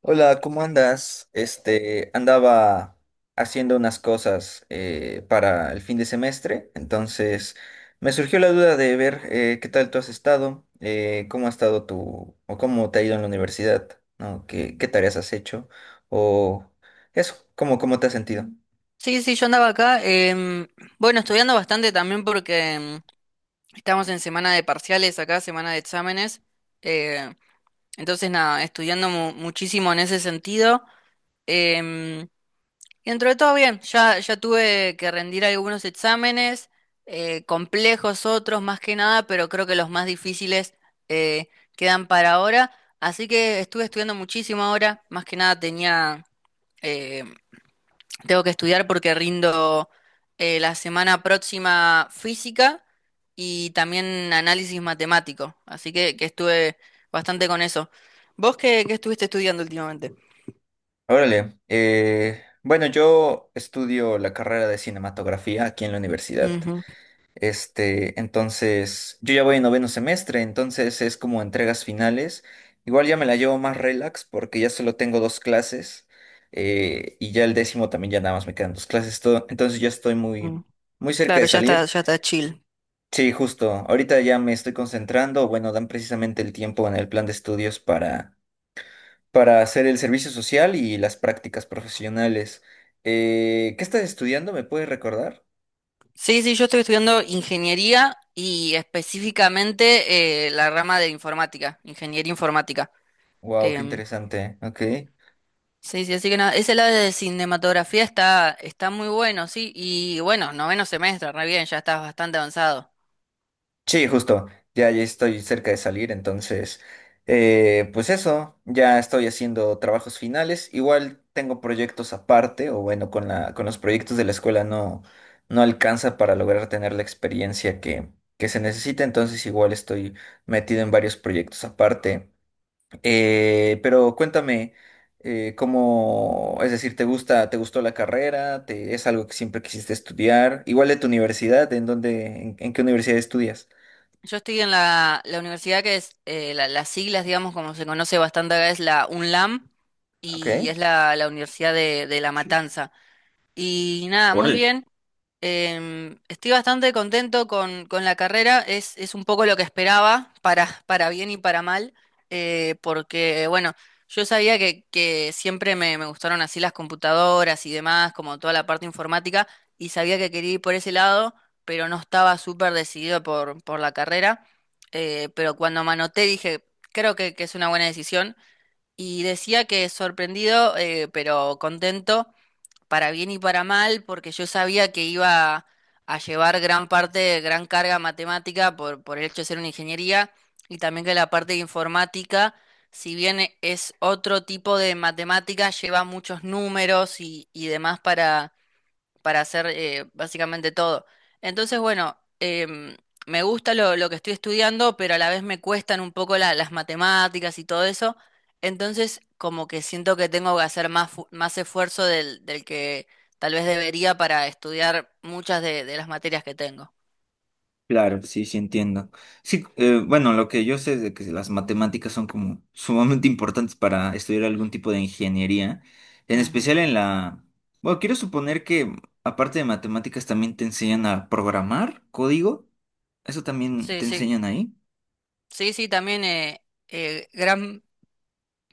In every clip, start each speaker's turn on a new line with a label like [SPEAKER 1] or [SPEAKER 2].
[SPEAKER 1] Hola, ¿cómo andas? Este, andaba haciendo unas cosas para el fin de semestre, entonces me surgió la duda de ver qué tal tú has estado, cómo ha estado tu, o cómo te ha ido en la universidad, ¿no? ¿Qué tareas has hecho? O eso, ¿cómo te has sentido?
[SPEAKER 2] Sí, sí, yo andaba acá. Bueno, estudiando bastante también porque estamos en semana de parciales acá, semana de exámenes. eh, entonces, nada, estudiando muchísimo en ese sentido. em, y dentro de todo bien, ya tuve que rendir algunos exámenes, complejos otros más que nada, pero creo que los más difíciles eh, quedan para ahora. Así que estuve estudiando muchísimo ahora, más que nada eh, tengo que estudiar porque rindo la semana próxima física y también análisis matemático. Así que estuve bastante con eso. ¿Vos qué estuviste estudiando últimamente?
[SPEAKER 1] Órale, bueno, yo estudio la carrera de cinematografía aquí en la universidad.
[SPEAKER 2] Ujú,
[SPEAKER 1] Este, entonces, yo ya voy en noveno semestre, entonces es como entregas finales. Igual ya me la llevo más relax porque ya solo tengo dos clases y ya el décimo también ya nada más me quedan dos clases. Entonces ya estoy
[SPEAKER 2] mm.
[SPEAKER 1] muy, muy cerca
[SPEAKER 2] Claro,
[SPEAKER 1] de salir.
[SPEAKER 2] ya está chill.
[SPEAKER 1] Sí, justo. Ahorita ya me estoy concentrando. Bueno, dan precisamente el tiempo en el plan de estudios para hacer el servicio social y las prácticas profesionales. ¿Qué estás estudiando? ¿Me puedes recordar?
[SPEAKER 2] Sí, sí, yo estoy estudiando ingeniería y específicamente la rama de informática, ingeniería informática.
[SPEAKER 1] Wow, qué
[SPEAKER 2] Em,
[SPEAKER 1] interesante. Ok.
[SPEAKER 2] sí, sí, así que nada, ese lado de cinematografía está muy bueno, sí, y bueno, noveno semestre, re bien, ya estás bastante avanzado.
[SPEAKER 1] Sí, justo. Ya, ya estoy cerca de salir, entonces, pues eso, ya estoy haciendo trabajos finales. Igual tengo proyectos aparte, o bueno, con los proyectos de la escuela no alcanza para lograr tener la experiencia que se necesita, entonces igual estoy metido en varios proyectos aparte. Pero cuéntame, cómo, es decir, ¿te gusta, te gustó la carrera? ¿Te, es algo que siempre quisiste estudiar? Igual de tu universidad, ¿en dónde, en qué universidad estudias?
[SPEAKER 2] Yo estoy en la universidad que es, las siglas, digamos, como se conoce bastante acá, es la UNLAM y es
[SPEAKER 1] Ok.
[SPEAKER 2] la Universidad de La Matanza. Y nada, muy
[SPEAKER 1] Órale.
[SPEAKER 2] bien. Estoy bastante contento con la carrera, es un poco lo que esperaba, para bien y para mal, porque bueno, yo sabía que siempre me gustaron así las computadoras y demás, como toda la parte informática, y sabía que quería ir por ese lado, pero no estaba súper decidido por la carrera, pero cuando me anoté dije, creo que es una buena decisión, y decía que sorprendido, pero contento para bien y para mal, porque yo sabía que iba a llevar gran parte, gran carga matemática por el hecho de ser una ingeniería, y también que la parte de informática, si bien es otro tipo de matemática, lleva muchos números y demás para hacer básicamente todo. Entonces, bueno, me gusta lo que estoy estudiando, pero a la vez me cuestan un poco las matemáticas y todo eso. Entonces, como que siento que tengo que hacer más, más esfuerzo del que tal vez debería para estudiar muchas de las materias que tengo.
[SPEAKER 1] Claro, sí, sí entiendo. Sí, bueno, lo que yo sé es de que las matemáticas son como sumamente importantes para estudiar algún tipo de ingeniería, en
[SPEAKER 2] Ujú.
[SPEAKER 1] especial en la. Bueno, quiero suponer que aparte de matemáticas también te enseñan a programar código. ¿Eso también
[SPEAKER 2] Sí,
[SPEAKER 1] te
[SPEAKER 2] sí,
[SPEAKER 1] enseñan ahí?
[SPEAKER 2] sí, sí, también gran,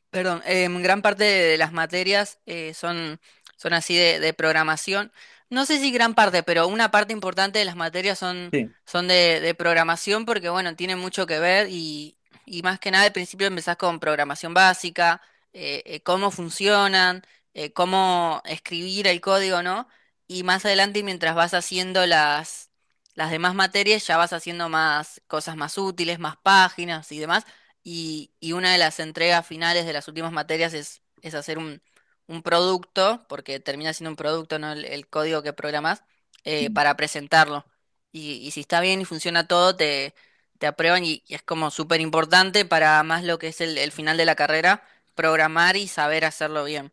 [SPEAKER 2] perdón, gran parte de las materias son así de programación. No sé si gran parte, pero una parte importante de las materias
[SPEAKER 1] Sí.
[SPEAKER 2] son de programación porque, bueno, tienen mucho que ver y más que nada al principio empezás con programación básica, cómo funcionan, cómo escribir el código, ¿no? Y más adelante, mientras vas haciendo las demás materias, ya vas haciendo más cosas más útiles, más páginas y demás y una de las entregas finales de las últimas materias es hacer un producto, porque termina siendo un producto, ¿no? El código que programas,
[SPEAKER 1] Mm.
[SPEAKER 2] para presentarlo. Y si está bien y funciona todo, te aprueban y es como súper importante para más lo que es el final de la carrera, programar y saber hacerlo bien.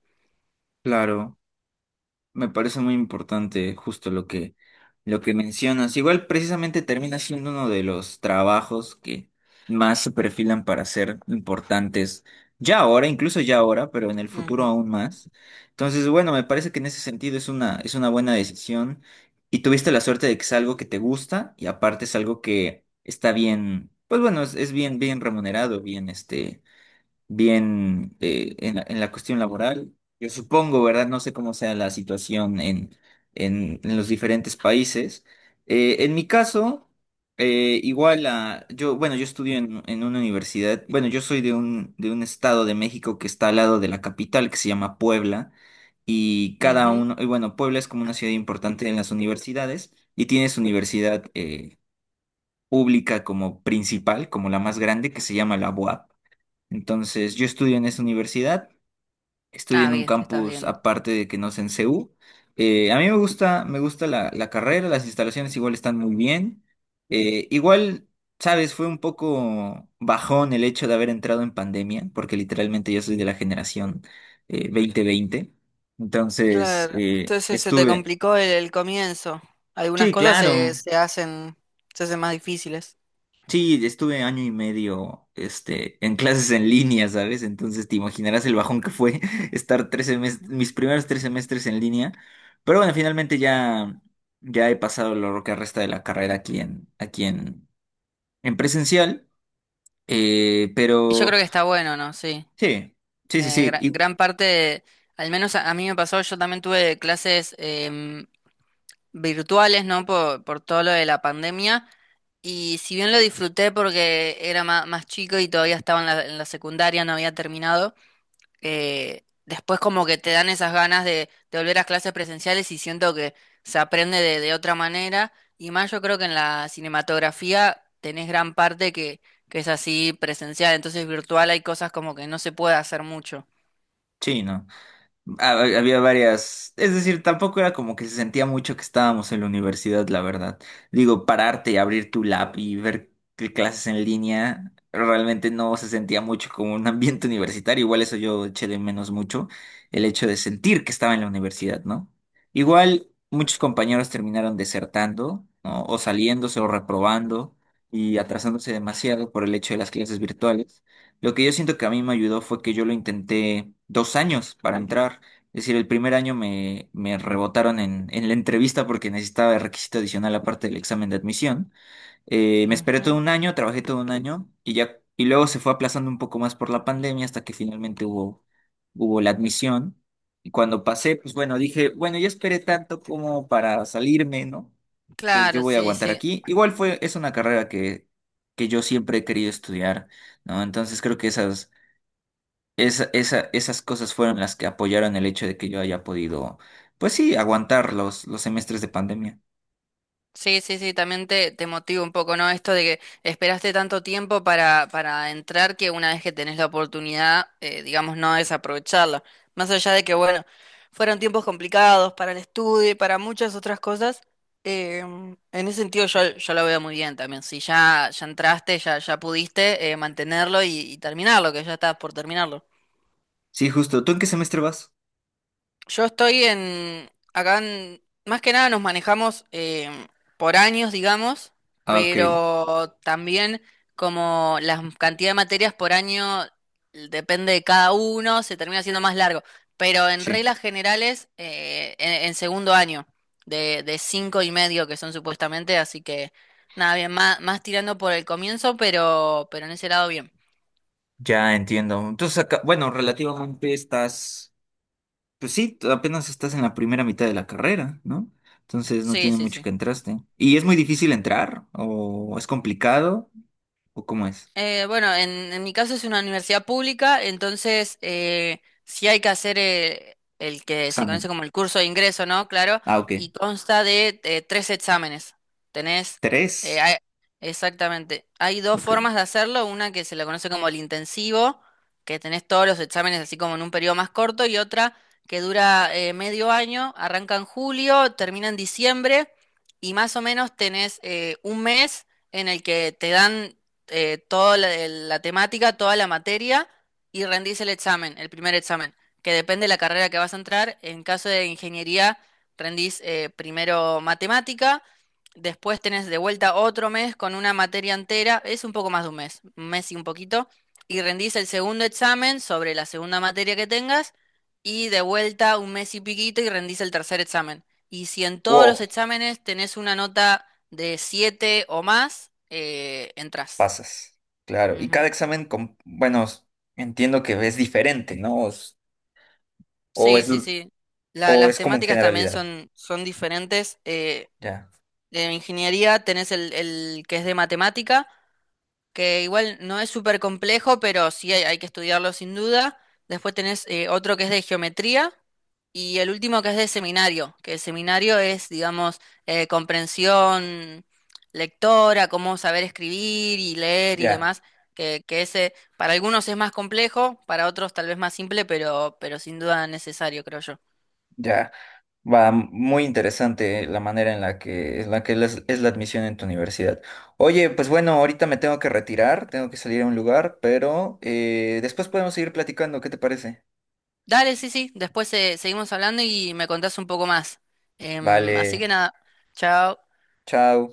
[SPEAKER 1] Claro. Me parece muy importante justo lo lo que mencionas. Igual precisamente termina siendo uno de los trabajos que más se perfilan para ser importantes ya ahora, incluso ya ahora, pero en el futuro
[SPEAKER 2] Ujú,
[SPEAKER 1] aún más. Entonces, bueno, me parece que en ese sentido es una buena decisión y tuviste la suerte de que es algo que te gusta y aparte es algo que está bien, pues bueno, es bien, bien remunerado, bien este bien en la cuestión laboral. Yo supongo, ¿verdad? No sé cómo sea la situación en los diferentes países. En mi caso, igual a, yo, bueno, yo estudio en una universidad, bueno, yo soy de un estado de México que está al lado de la capital, que se llama Puebla, y cada
[SPEAKER 2] ujú.
[SPEAKER 1] uno, y bueno, Puebla es como una ciudad importante en las universidades, y tiene su universidad pública como principal, como la más grande, que se llama la UAP. Entonces, yo estudio en esa universidad, estudio
[SPEAKER 2] Ah,
[SPEAKER 1] en un
[SPEAKER 2] bien, estás
[SPEAKER 1] campus
[SPEAKER 2] bien.
[SPEAKER 1] aparte de que no es en CU. A mí me gusta la carrera, las instalaciones igual están muy bien. Igual, sabes, fue un poco bajón el hecho de haber entrado en pandemia, porque literalmente yo soy de la generación 2020. Entonces,
[SPEAKER 2] Claro, entonces se te
[SPEAKER 1] estuve.
[SPEAKER 2] complicó el comienzo. Algunas
[SPEAKER 1] Sí,
[SPEAKER 2] cosas
[SPEAKER 1] claro.
[SPEAKER 2] se hacen más difíciles.
[SPEAKER 1] Sí, estuve año y medio, este, en clases en línea, ¿sabes? Entonces te imaginarás el bajón que fue estar tres semestres, mis primeros tres semestres en línea. Pero bueno, finalmente ya, ya he pasado lo que resta de la carrera aquí aquí en presencial.
[SPEAKER 2] Y yo
[SPEAKER 1] Pero
[SPEAKER 2] creo que está bueno, ¿no? Sí.
[SPEAKER 1] sí, sí, sí, sí. Y
[SPEAKER 2] Gran parte, de- al menos a mí me pasó, yo también tuve clases em, virtuales, ¿no? Por todo lo de la pandemia. Y si bien lo disfruté porque era más, chico y todavía estaba en en la secundaria, no había terminado, después como que te dan esas ganas de volver a clases presenciales y siento que se aprende de otra manera. Y más yo creo que en la cinematografía tenés gran parte que es así presencial, entonces virtual hay cosas como que no se puede hacer mucho.
[SPEAKER 1] sí, no. Había varias, es decir, tampoco era como que se sentía mucho que estábamos en la universidad, la verdad. Digo, pararte y abrir tu lab y ver qué clases en línea, realmente no se sentía mucho como un ambiente universitario. Igual eso yo eché de menos mucho, el hecho de sentir que estaba en la universidad, ¿no? Igual muchos compañeros terminaron desertando, ¿no? O saliéndose o reprobando y atrasándose demasiado por el hecho de las clases virtuales. Lo que yo siento que a mí me ayudó fue que yo lo intenté dos años para entrar. Es decir, el primer año me rebotaron en la entrevista porque necesitaba el requisito adicional aparte del examen de admisión. Me esperé todo
[SPEAKER 2] Ujú.
[SPEAKER 1] un año, trabajé todo un año y ya, y luego se fue aplazando un poco más por la pandemia hasta que finalmente hubo la admisión. Y cuando pasé, pues bueno, dije, bueno, ya esperé tanto como para salirme, ¿no? Entonces yo
[SPEAKER 2] Claro,
[SPEAKER 1] voy a
[SPEAKER 2] sí,
[SPEAKER 1] aguantar
[SPEAKER 2] sí.
[SPEAKER 1] aquí. Igual fue, es una carrera que yo siempre he querido estudiar, ¿no? Entonces creo que esas esas cosas fueron las que apoyaron el hecho de que yo haya podido, pues sí, aguantar los semestres de pandemia.
[SPEAKER 2] Sí, sí, sí, también te motiva un poco, ¿no? Esto de que esperaste tanto tiempo para entrar que una vez que tenés la oportunidad, digamos, no desaprovecharla. Más allá de que, bueno, fueron tiempos complicados para el estudio y para muchas otras cosas, en ese sentido yo, yo lo veo muy bien también. Si ya entraste, ya pudiste mantenerlo y terminarlo, que ya estás por terminarlo.
[SPEAKER 1] Sí, justo. ¿Tú en qué semestre vas?
[SPEAKER 2] Yo estoy en, acá en- más que nada nos manejamos por años, digamos,
[SPEAKER 1] Ah, ok.
[SPEAKER 2] pero también como la cantidad de materias por año depende de cada uno, se termina siendo más largo. Pero en
[SPEAKER 1] Sí.
[SPEAKER 2] reglas generales, en segundo año, de cinco y medio que son supuestamente, así que nada, bien, más, más tirando por el comienzo, pero en ese lado bien.
[SPEAKER 1] Ya entiendo. Entonces, acá, bueno, relativamente estás, pues sí, apenas estás en la primera mitad de la carrera, ¿no? Entonces no
[SPEAKER 2] Sí,
[SPEAKER 1] tiene
[SPEAKER 2] sí,
[SPEAKER 1] mucho
[SPEAKER 2] sí.
[SPEAKER 1] que entraste. ¿Y es muy difícil entrar? ¿O es complicado? ¿O cómo es?
[SPEAKER 2] Bueno, en mi caso es una universidad pública, entonces sí hay que hacer el que se conoce
[SPEAKER 1] Examen.
[SPEAKER 2] como el curso de ingreso, ¿no? Claro,
[SPEAKER 1] Ah, ok.
[SPEAKER 2] y consta de tres exámenes. Tenés,
[SPEAKER 1] Tres.
[SPEAKER 2] hay- exactamente, hay dos
[SPEAKER 1] Ok.
[SPEAKER 2] formas de hacerlo, una que se la conoce como el intensivo, que tenés todos los exámenes así como en un periodo más corto, y otra que dura medio año, arranca en julio, termina en diciembre, y más o menos tenés un mes en el que te dan toda el- la temática, toda la materia y rendís el examen, el primer examen, que depende de la carrera que vas a entrar. En caso de ingeniería, rendís primero matemática, después tenés de vuelta otro mes con una materia entera, es un poco más de un mes y un poquito, y rendís el segundo examen sobre la segunda materia que tengas y de vuelta un mes y piquito y rendís el tercer examen. Y si en todos los
[SPEAKER 1] Wow,
[SPEAKER 2] exámenes tenés una nota de 7 o más, entras.
[SPEAKER 1] Pasas, claro. Y
[SPEAKER 2] Ujú.
[SPEAKER 1] cada examen, bueno, entiendo que es diferente, ¿no? Es. O
[SPEAKER 2] Sí,
[SPEAKER 1] es,
[SPEAKER 2] sí, sí.
[SPEAKER 1] o
[SPEAKER 2] Las
[SPEAKER 1] es como en
[SPEAKER 2] temáticas también
[SPEAKER 1] generalidad.
[SPEAKER 2] son, son diferentes.
[SPEAKER 1] Ya,
[SPEAKER 2] De ingeniería tenés el que es de matemática que igual no es súper complejo, pero sí hay que estudiarlo sin duda. Después tenés otro que es de geometría y el último que es de seminario, que el seminario es, digamos, comprensión lectora, cómo saber escribir y leer y
[SPEAKER 1] ya,
[SPEAKER 2] demás, que ese para algunos es más complejo, para otros tal vez más simple, pero sin duda necesario, creo yo.
[SPEAKER 1] ya. Va muy interesante la manera en la en la que es, la admisión en tu universidad. Oye, pues bueno, ahorita me tengo que retirar, tengo que salir a un lugar, pero después podemos seguir platicando, ¿qué te parece?
[SPEAKER 2] Dale, sí, sí, después seguimos hablando y me contás un poco más. Así
[SPEAKER 1] Vale,
[SPEAKER 2] que nada, chao.
[SPEAKER 1] chao.